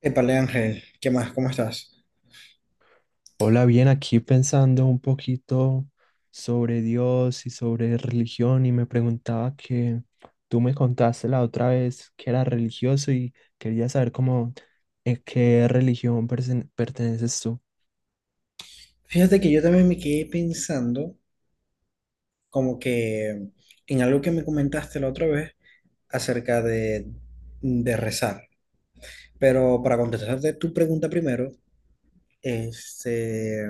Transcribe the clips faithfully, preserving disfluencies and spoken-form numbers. Epale Ángel, ¿qué más? ¿Cómo estás? Hola, bien, aquí pensando un poquito sobre Dios y sobre religión, y me preguntaba que tú me contaste la otra vez que era religioso y quería saber cómo, eh, qué religión pertene- perteneces tú. Fíjate que yo también me quedé pensando como que en algo que me comentaste la otra vez acerca de, de rezar. Pero para contestarte tu pregunta primero, este,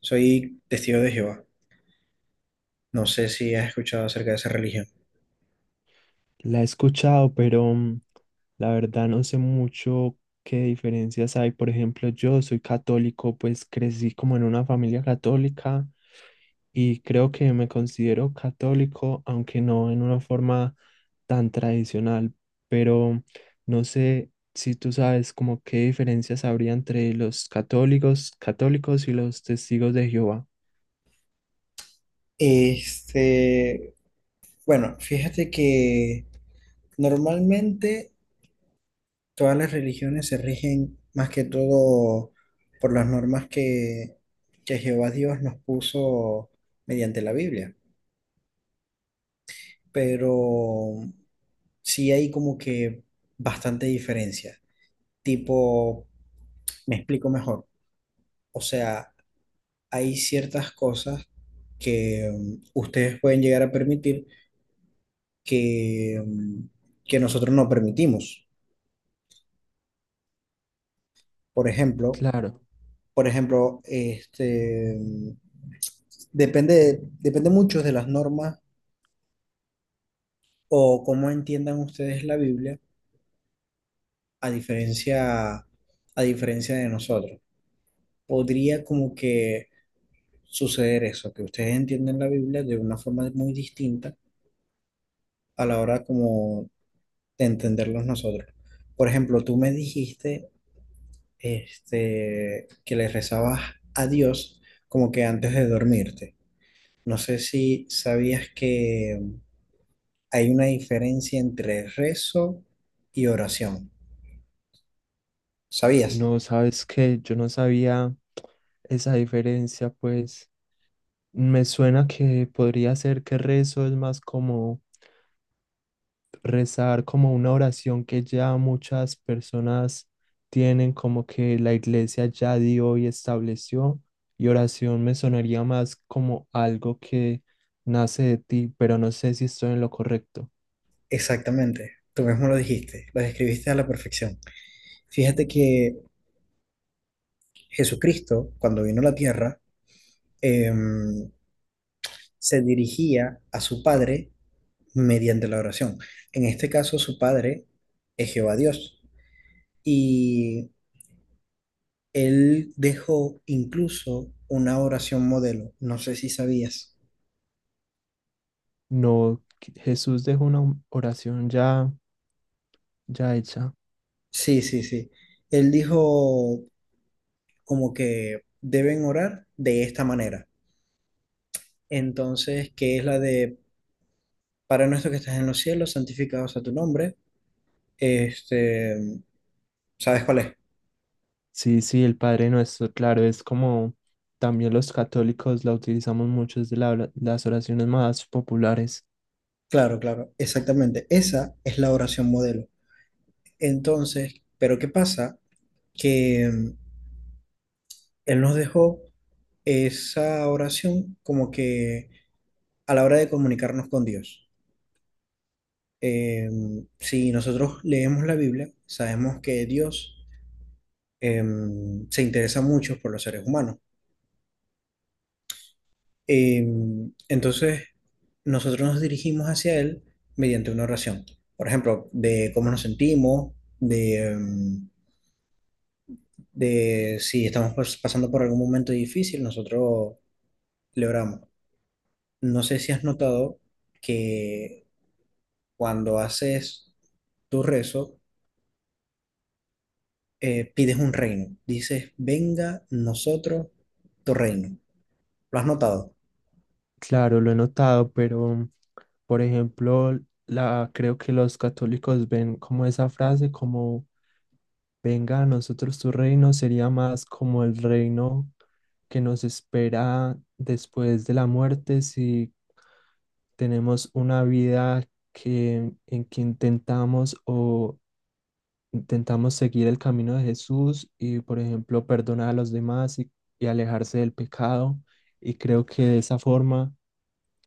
soy testigo de Jehová. No sé si has escuchado acerca de esa religión. La he escuchado, pero mm, la verdad no sé mucho qué diferencias hay. Por ejemplo, yo soy católico, pues crecí como en una familia católica y creo que me considero católico, aunque no en una forma tan tradicional. Pero no sé si tú sabes como qué diferencias habría entre los católicos, católicos y los testigos de Jehová. Este, bueno, fíjate que normalmente Todas las religiones se rigen más que todo por las normas que, que Jehová Dios nos puso mediante la Biblia, pero sí hay como que bastante diferencia. Tipo, me explico mejor. O sea, hay ciertas cosas que mm, ustedes pueden llegar a permitir que, mm, que nosotros no permitimos. Por ejemplo, Claro, por ejemplo, este, depende, depende mucho de las normas o cómo entiendan ustedes la Biblia a diferencia, a diferencia de nosotros. Podría como que suceder eso, que ustedes entienden la Biblia de una forma muy distinta a la hora como de entenderlos nosotros. Por ejemplo, tú me dijiste este, que le rezabas a Dios como que antes de dormirte. No sé si sabías que Hay una diferencia entre rezo y oración. ¿Sabías? no sabes que yo no sabía esa diferencia, pues. Me suena que podría ser que rezo es más como rezar, como una oración que ya muchas personas tienen, como que la iglesia ya dio y estableció, y oración me sonaría más como algo que nace de ti, pero no sé si estoy en lo correcto. Exactamente. Tú mismo lo dijiste, lo describiste a la perfección. Fíjate que Jesucristo, cuando vino a la tierra, em, se dirigía a su Padre mediante la oración. En este caso, su Padre es Jehová Dios. Y él dejó incluso una oración modelo. No sé si sabías. No, que Jesús dejó una oración ya, ya hecha. Sí, sí, sí. Él dijo, como que deben orar de esta manera. Entonces, que es la de, Padre nuestro que estás en los cielos, santificado sea tu nombre. Este, ¿sabes cuál es? Sí, sí, el Padre Nuestro, claro, es como también los católicos la utilizamos mucho, es de la- las oraciones más populares. Claro, claro, exactamente. Esa es la oración modelo. Entonces, pero ¿qué pasa? Que mm, Él nos dejó esa oración como que a la hora de comunicarnos con Dios. Em, si nosotros leemos la Biblia, sabemos que Dios em, se interesa mucho por los seres humanos. Eh, entonces, nosotros nos dirigimos hacia Él mediante una oración. Por ejemplo, de cómo nos sentimos, de, em, de si estamos pas- pasando por algún momento difícil, nosotros le oramos. No sé si has notado que cuando haces tu rezo, eh, pides un reino. Dices, venga nosotros tu reino. ¿Lo has notado? Claro, lo he notado, pero por ejemplo, la, creo que los católicos ven como esa frase como venga a nosotros tu reino, sería más como el reino que nos espera después de la muerte si tenemos una vida que, en que intentamos o intentamos seguir el camino de Jesús y por ejemplo perdonar a los demás y, y alejarse del pecado. Y creo que de esa forma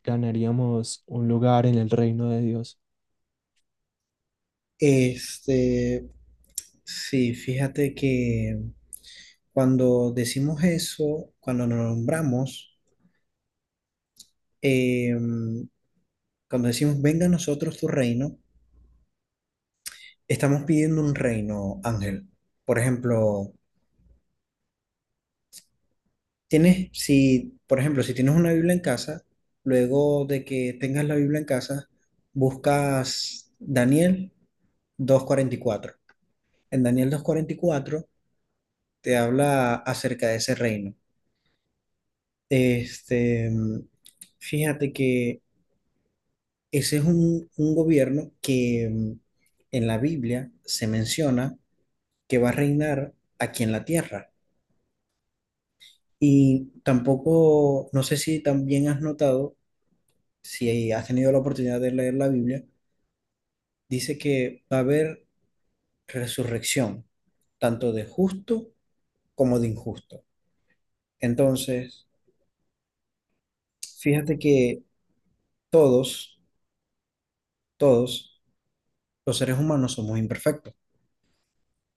ganaríamos un lugar en el reino de Dios. Este, sí, fíjate que... Cuando decimos eso, cuando nos nombramos, eh, cuando decimos venga a nosotros tu reino, estamos pidiendo un reino, Ángel. Por ejemplo, tienes, si, por ejemplo, si tienes una Biblia en casa, luego de que tengas la Biblia en casa, buscas Daniel dos cuarenta y cuatro. En Daniel dos cuarenta y cuatro te habla acerca de ese reino. Este, fíjate que Ese es un, un gobierno que mm, en la Biblia se menciona que va a reinar aquí en la tierra. Y tampoco, no sé si también has notado, si has tenido la oportunidad de leer la Biblia, dice que va a haber resurrección, tanto de justo como de injusto. Entonces, fíjate que todos, todos los seres humanos somos imperfectos.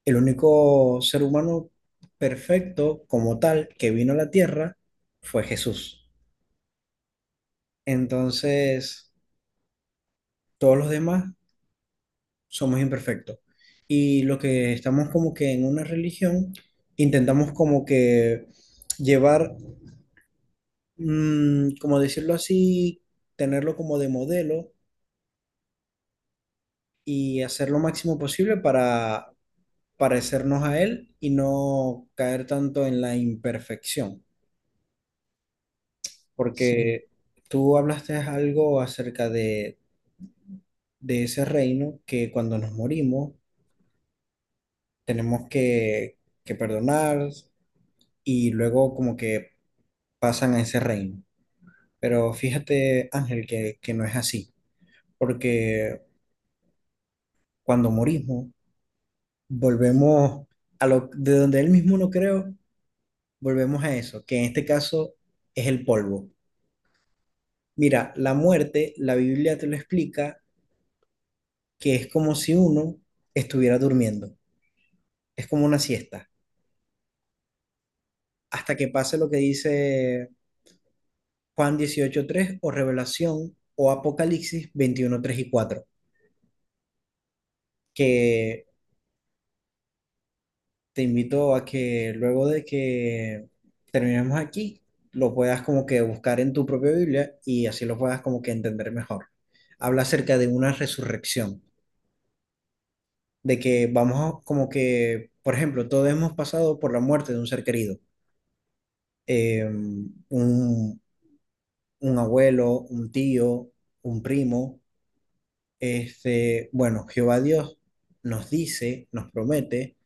El único ser humano perfecto como tal que vino a la tierra fue Jesús. Entonces, todos los demás somos imperfectos. Y lo que estamos como que en una religión, intentamos como que llevar, mm, como decirlo así, tenerlo como de modelo y hacer lo máximo posible para parecernos a él y no caer tanto en la imperfección. Sí, porque tú hablaste algo acerca de, de ese reino que cuando nos morimos tenemos que, que perdonar y luego como que pasan a ese reino. Pero fíjate, Ángel, que, que no es así, porque cuando morimos volvemos a lo de donde él mismo no creo, volvemos a eso, que en este caso es el polvo. Mira, la muerte, la Biblia te lo explica, que es como si uno estuviera durmiendo. Es como una siesta. Hasta que pase lo que dice Juan dieciocho tres o Revelación o Apocalipsis veintiuno tres y cuatro. Que te invito a que luego de que terminemos aquí, lo puedas como que buscar en tu propia Biblia y así lo puedas como que entender mejor. Habla acerca de una resurrección, de que vamos a- como que, por ejemplo, todos hemos pasado por la muerte de un ser querido, eh, un, un abuelo, un tío, un primo. Este, bueno, Jehová Dios nos dice, nos promete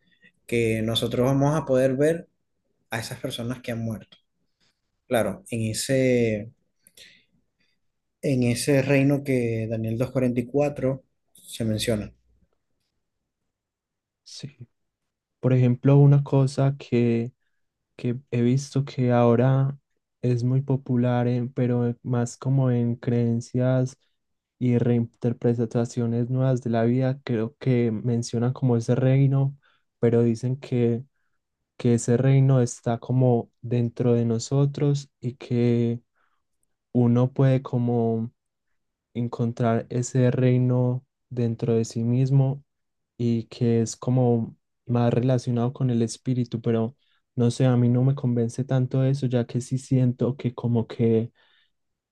que nosotros vamos a poder ver a esas personas que han muerto. Claro, en ese, en ese reino que Daniel dos cuarenta y cuatro se menciona. sí. Por ejemplo, una cosa que, que he visto que ahora es muy popular, en- pero más como en creencias y reinterpretaciones nuevas de la vida, creo que mencionan como ese reino, pero dicen que, que ese reino está como dentro de nosotros y que uno puede como encontrar ese reino dentro de sí mismo y que es como más relacionado con el espíritu, pero no sé, a mí no me convence tanto eso, ya que sí siento que como que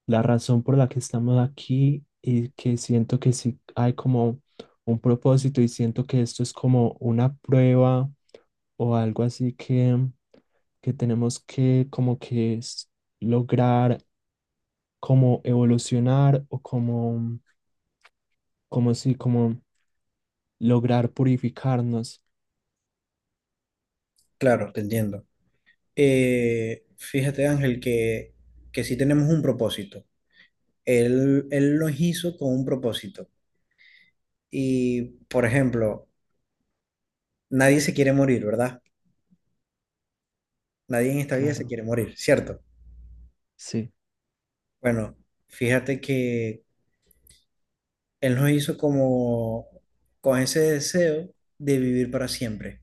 la razón por la que estamos aquí y que siento que sí hay como un propósito y siento que esto es como una prueba o algo así que, que tenemos que como que s- lograr como evolucionar o como, como sí, como lograr purificarnos. Claro, te entiendo. Eh, fíjate, Ángel, que, que sí tenemos un propósito. Él, él los hizo con un propósito. Y, por ejemplo, nadie se quiere morir, ¿verdad? Nadie en esta vida se Claro, quiere morir, ¿cierto? sí. Bueno, fíjate que Él nos hizo como con ese deseo de vivir para siempre.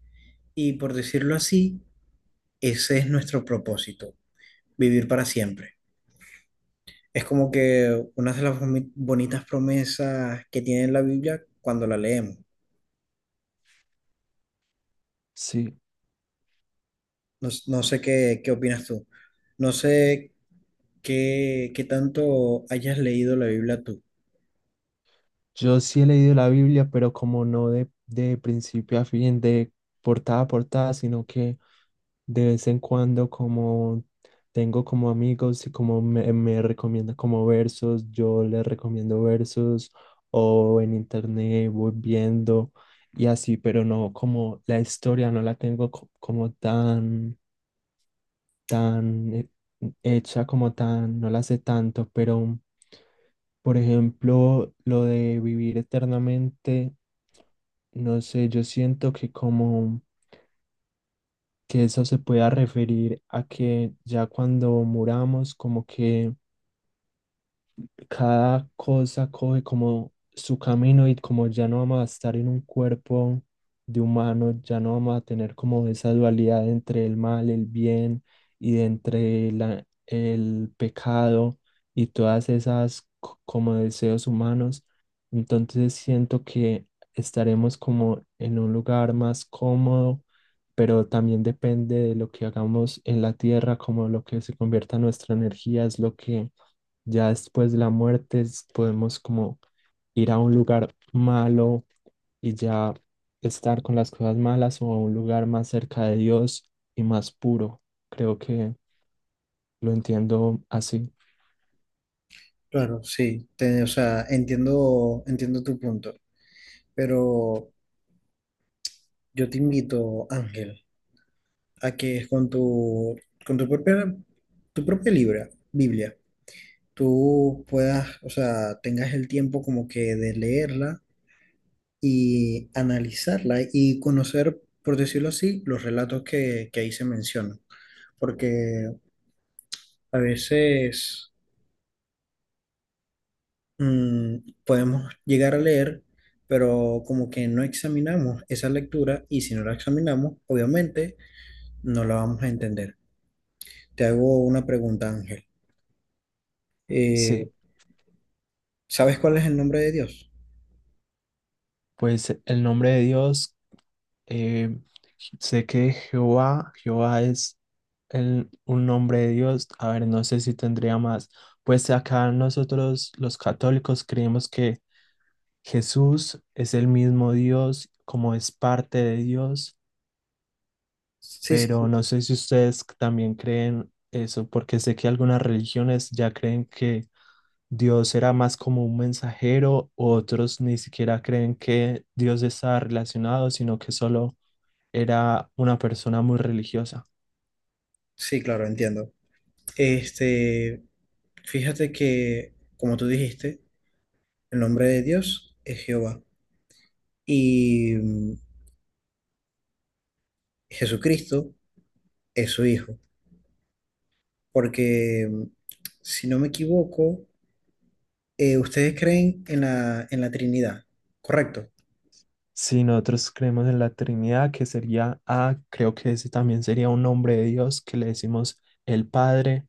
Y por decirlo así, ese es nuestro propósito, vivir para siempre. Es como que una de las boni- bonitas promesas que tiene la Biblia cuando la leemos. Sí, No, s- no sé qué, qué opinas tú. No sé qué, qué tanto hayas leído la Biblia tú. yo sí he leído la Biblia, pero como no de, de principio a fin, de portada a portada, sino que de vez en cuando como tengo como amigos y como me, me recomienda como versos, yo les recomiendo versos o en internet voy viendo y así, pero no como la historia no la tengo co- como tan tan eh, hecha como tan, no la sé tanto, pero por ejemplo, lo de vivir eternamente, no sé, yo siento que como que eso se pueda referir a que ya cuando muramos, como que cada cosa coge como su camino y como ya no vamos a estar en un cuerpo de humano, ya no vamos a tener como esa dualidad entre el mal, el bien y de entre la- el pecado y todas esas co- como deseos humanos. Entonces siento que estaremos como en un lugar más cómodo, pero también depende de lo que hagamos en la tierra, como lo que se convierta en nuestra energía es lo que ya después de la muerte es- podemos como ir a un lugar malo y ya estar con las cosas malas o a un lugar más cerca de Dios y más puro. Creo que lo entiendo así. Claro, sí, te- o sea, entiendo, entiendo tu punto, pero yo te invito, Ángel, a que es con tu, con tu propia, tu propia libra, Biblia, tú puedas, o sea, tengas el tiempo como que de leerla y analizarla y conocer, por decirlo así, los relatos que, que ahí se mencionan. Porque a veces mm, podemos llegar a leer, pero como que no examinamos esa lectura y si no la examinamos, obviamente no la vamos a entender. Te hago una pregunta, Ángel. Eh, Sí, ¿Sabes cuál es el nombre de Dios? pues el nombre de Dios, eh, sé que Jehová, Jehová es el, un nombre de Dios. A ver, no sé si tendría más. Pues acá nosotros los católicos creemos que Jesús es el mismo Dios, como es parte de Dios, Sí, sí, pero sí. no sé si ustedes también creen eso, porque sé que algunas religiones ya creen que Dios era más como un mensajero, otros ni siquiera creen que Dios está relacionado, sino que solo era una persona muy religiosa. Sí, claro, entiendo. Este, fíjate que, como tú dijiste, el nombre de Dios es Jehová y mm, Jesucristo es su Hijo. Porque, mm, si no me equivoco, eh, ustedes creen en la, en la Trinidad, ¿correcto? Si nosotros creemos en la Trinidad, que sería A, creo que ese también sería un nombre de Dios, que le decimos el Padre,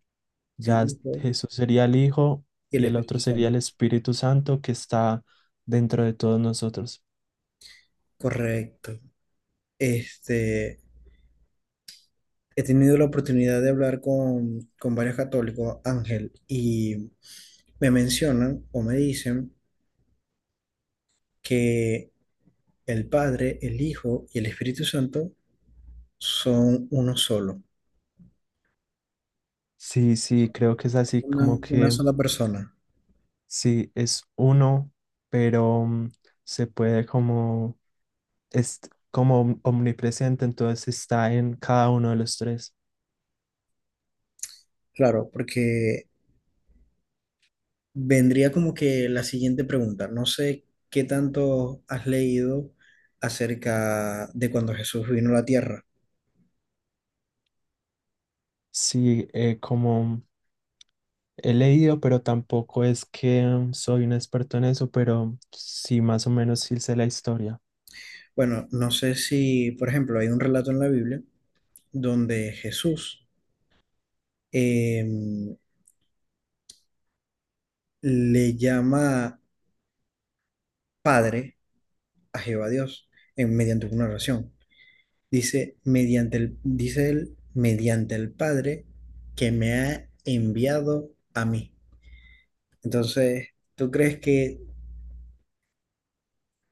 El ya es- Hijo Jesús sería el Hijo y el y el otro Espíritu sería Santo. el Espíritu Santo que está dentro de todos nosotros. Correcto. Este, he tenido la oportunidad de hablar con, con varios católicos, Ángel, y me mencionan o me dicen que el Padre, el Hijo y el Espíritu Santo son uno solo, Sí, sí, creo que es así una, como una que sola persona. sí, es uno, pero mm, se puede como, es como om- omnipresente, entonces está en cada uno de los tres. Claro, porque vendría como que la siguiente pregunta. No sé qué tanto has leído acerca de cuando Jesús vino a la tierra. Sí, eh, como... He leído, pero tampoco es que mm, soy un experto en eso, pero sí, más o menos sí sé la historia. Bueno, no sé si, por ejemplo, hay un relato en la Biblia donde Jesús em, le llama padre a Jehová Dios en, mediante una oración. Dice, mediante el, dice él, mediante el Padre que me ha enviado a mí. Entonces, ¿tú crees que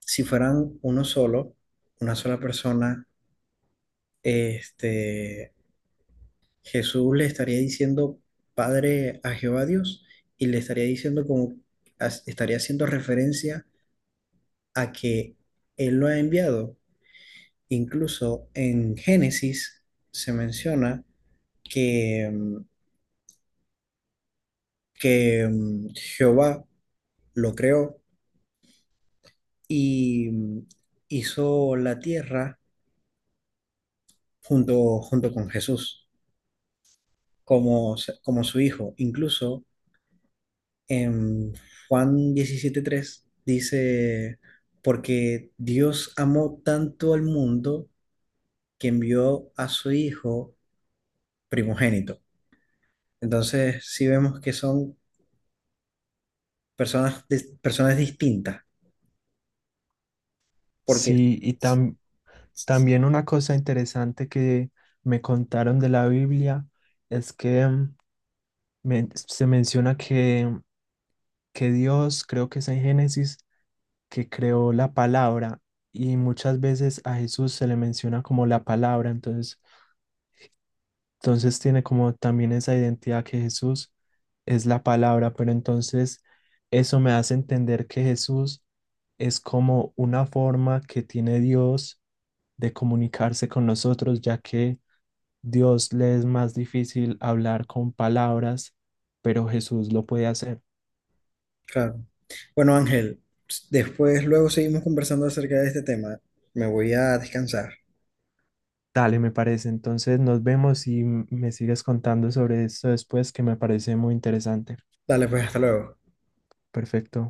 si fueran uno solo, una sola persona, este, Jesús le estaría diciendo Padre a Jehová Dios y le estaría diciendo como, as- estaría haciendo referencia a que Él lo ha enviado? Incluso en Génesis se menciona que, mm, que mm, Jehová lo creó y mm, hizo la tierra junto, junto con Jesús, como, como su hijo. Incluso en Juan diecisiete tres dice, porque Dios amó tanto al mundo que envió a su hijo primogénito. Entonces, sí vemos que son personas, personas distintas. Porque, Sí, y tam- también una cosa interesante que me contaron de la Biblia es que mm, men- se menciona que, que Dios, creo que es en Génesis, que creó la palabra y muchas veces a Jesús se le menciona como la palabra, entonces, entonces tiene como también esa identidad que Jesús es la palabra, pero entonces eso me hace entender que Jesús es como una forma que tiene Dios de comunicarse con nosotros, ya que Dios le es más difícil hablar con palabras, pero Jesús lo puede hacer. claro. Bueno, Ángel, después luego seguimos conversando acerca de este tema. Me voy a descansar. Dale, me parece. Entonces nos vemos y me sigues contando sobre esto después, que me parece muy interesante. Dale, pues, hasta luego. Perfecto.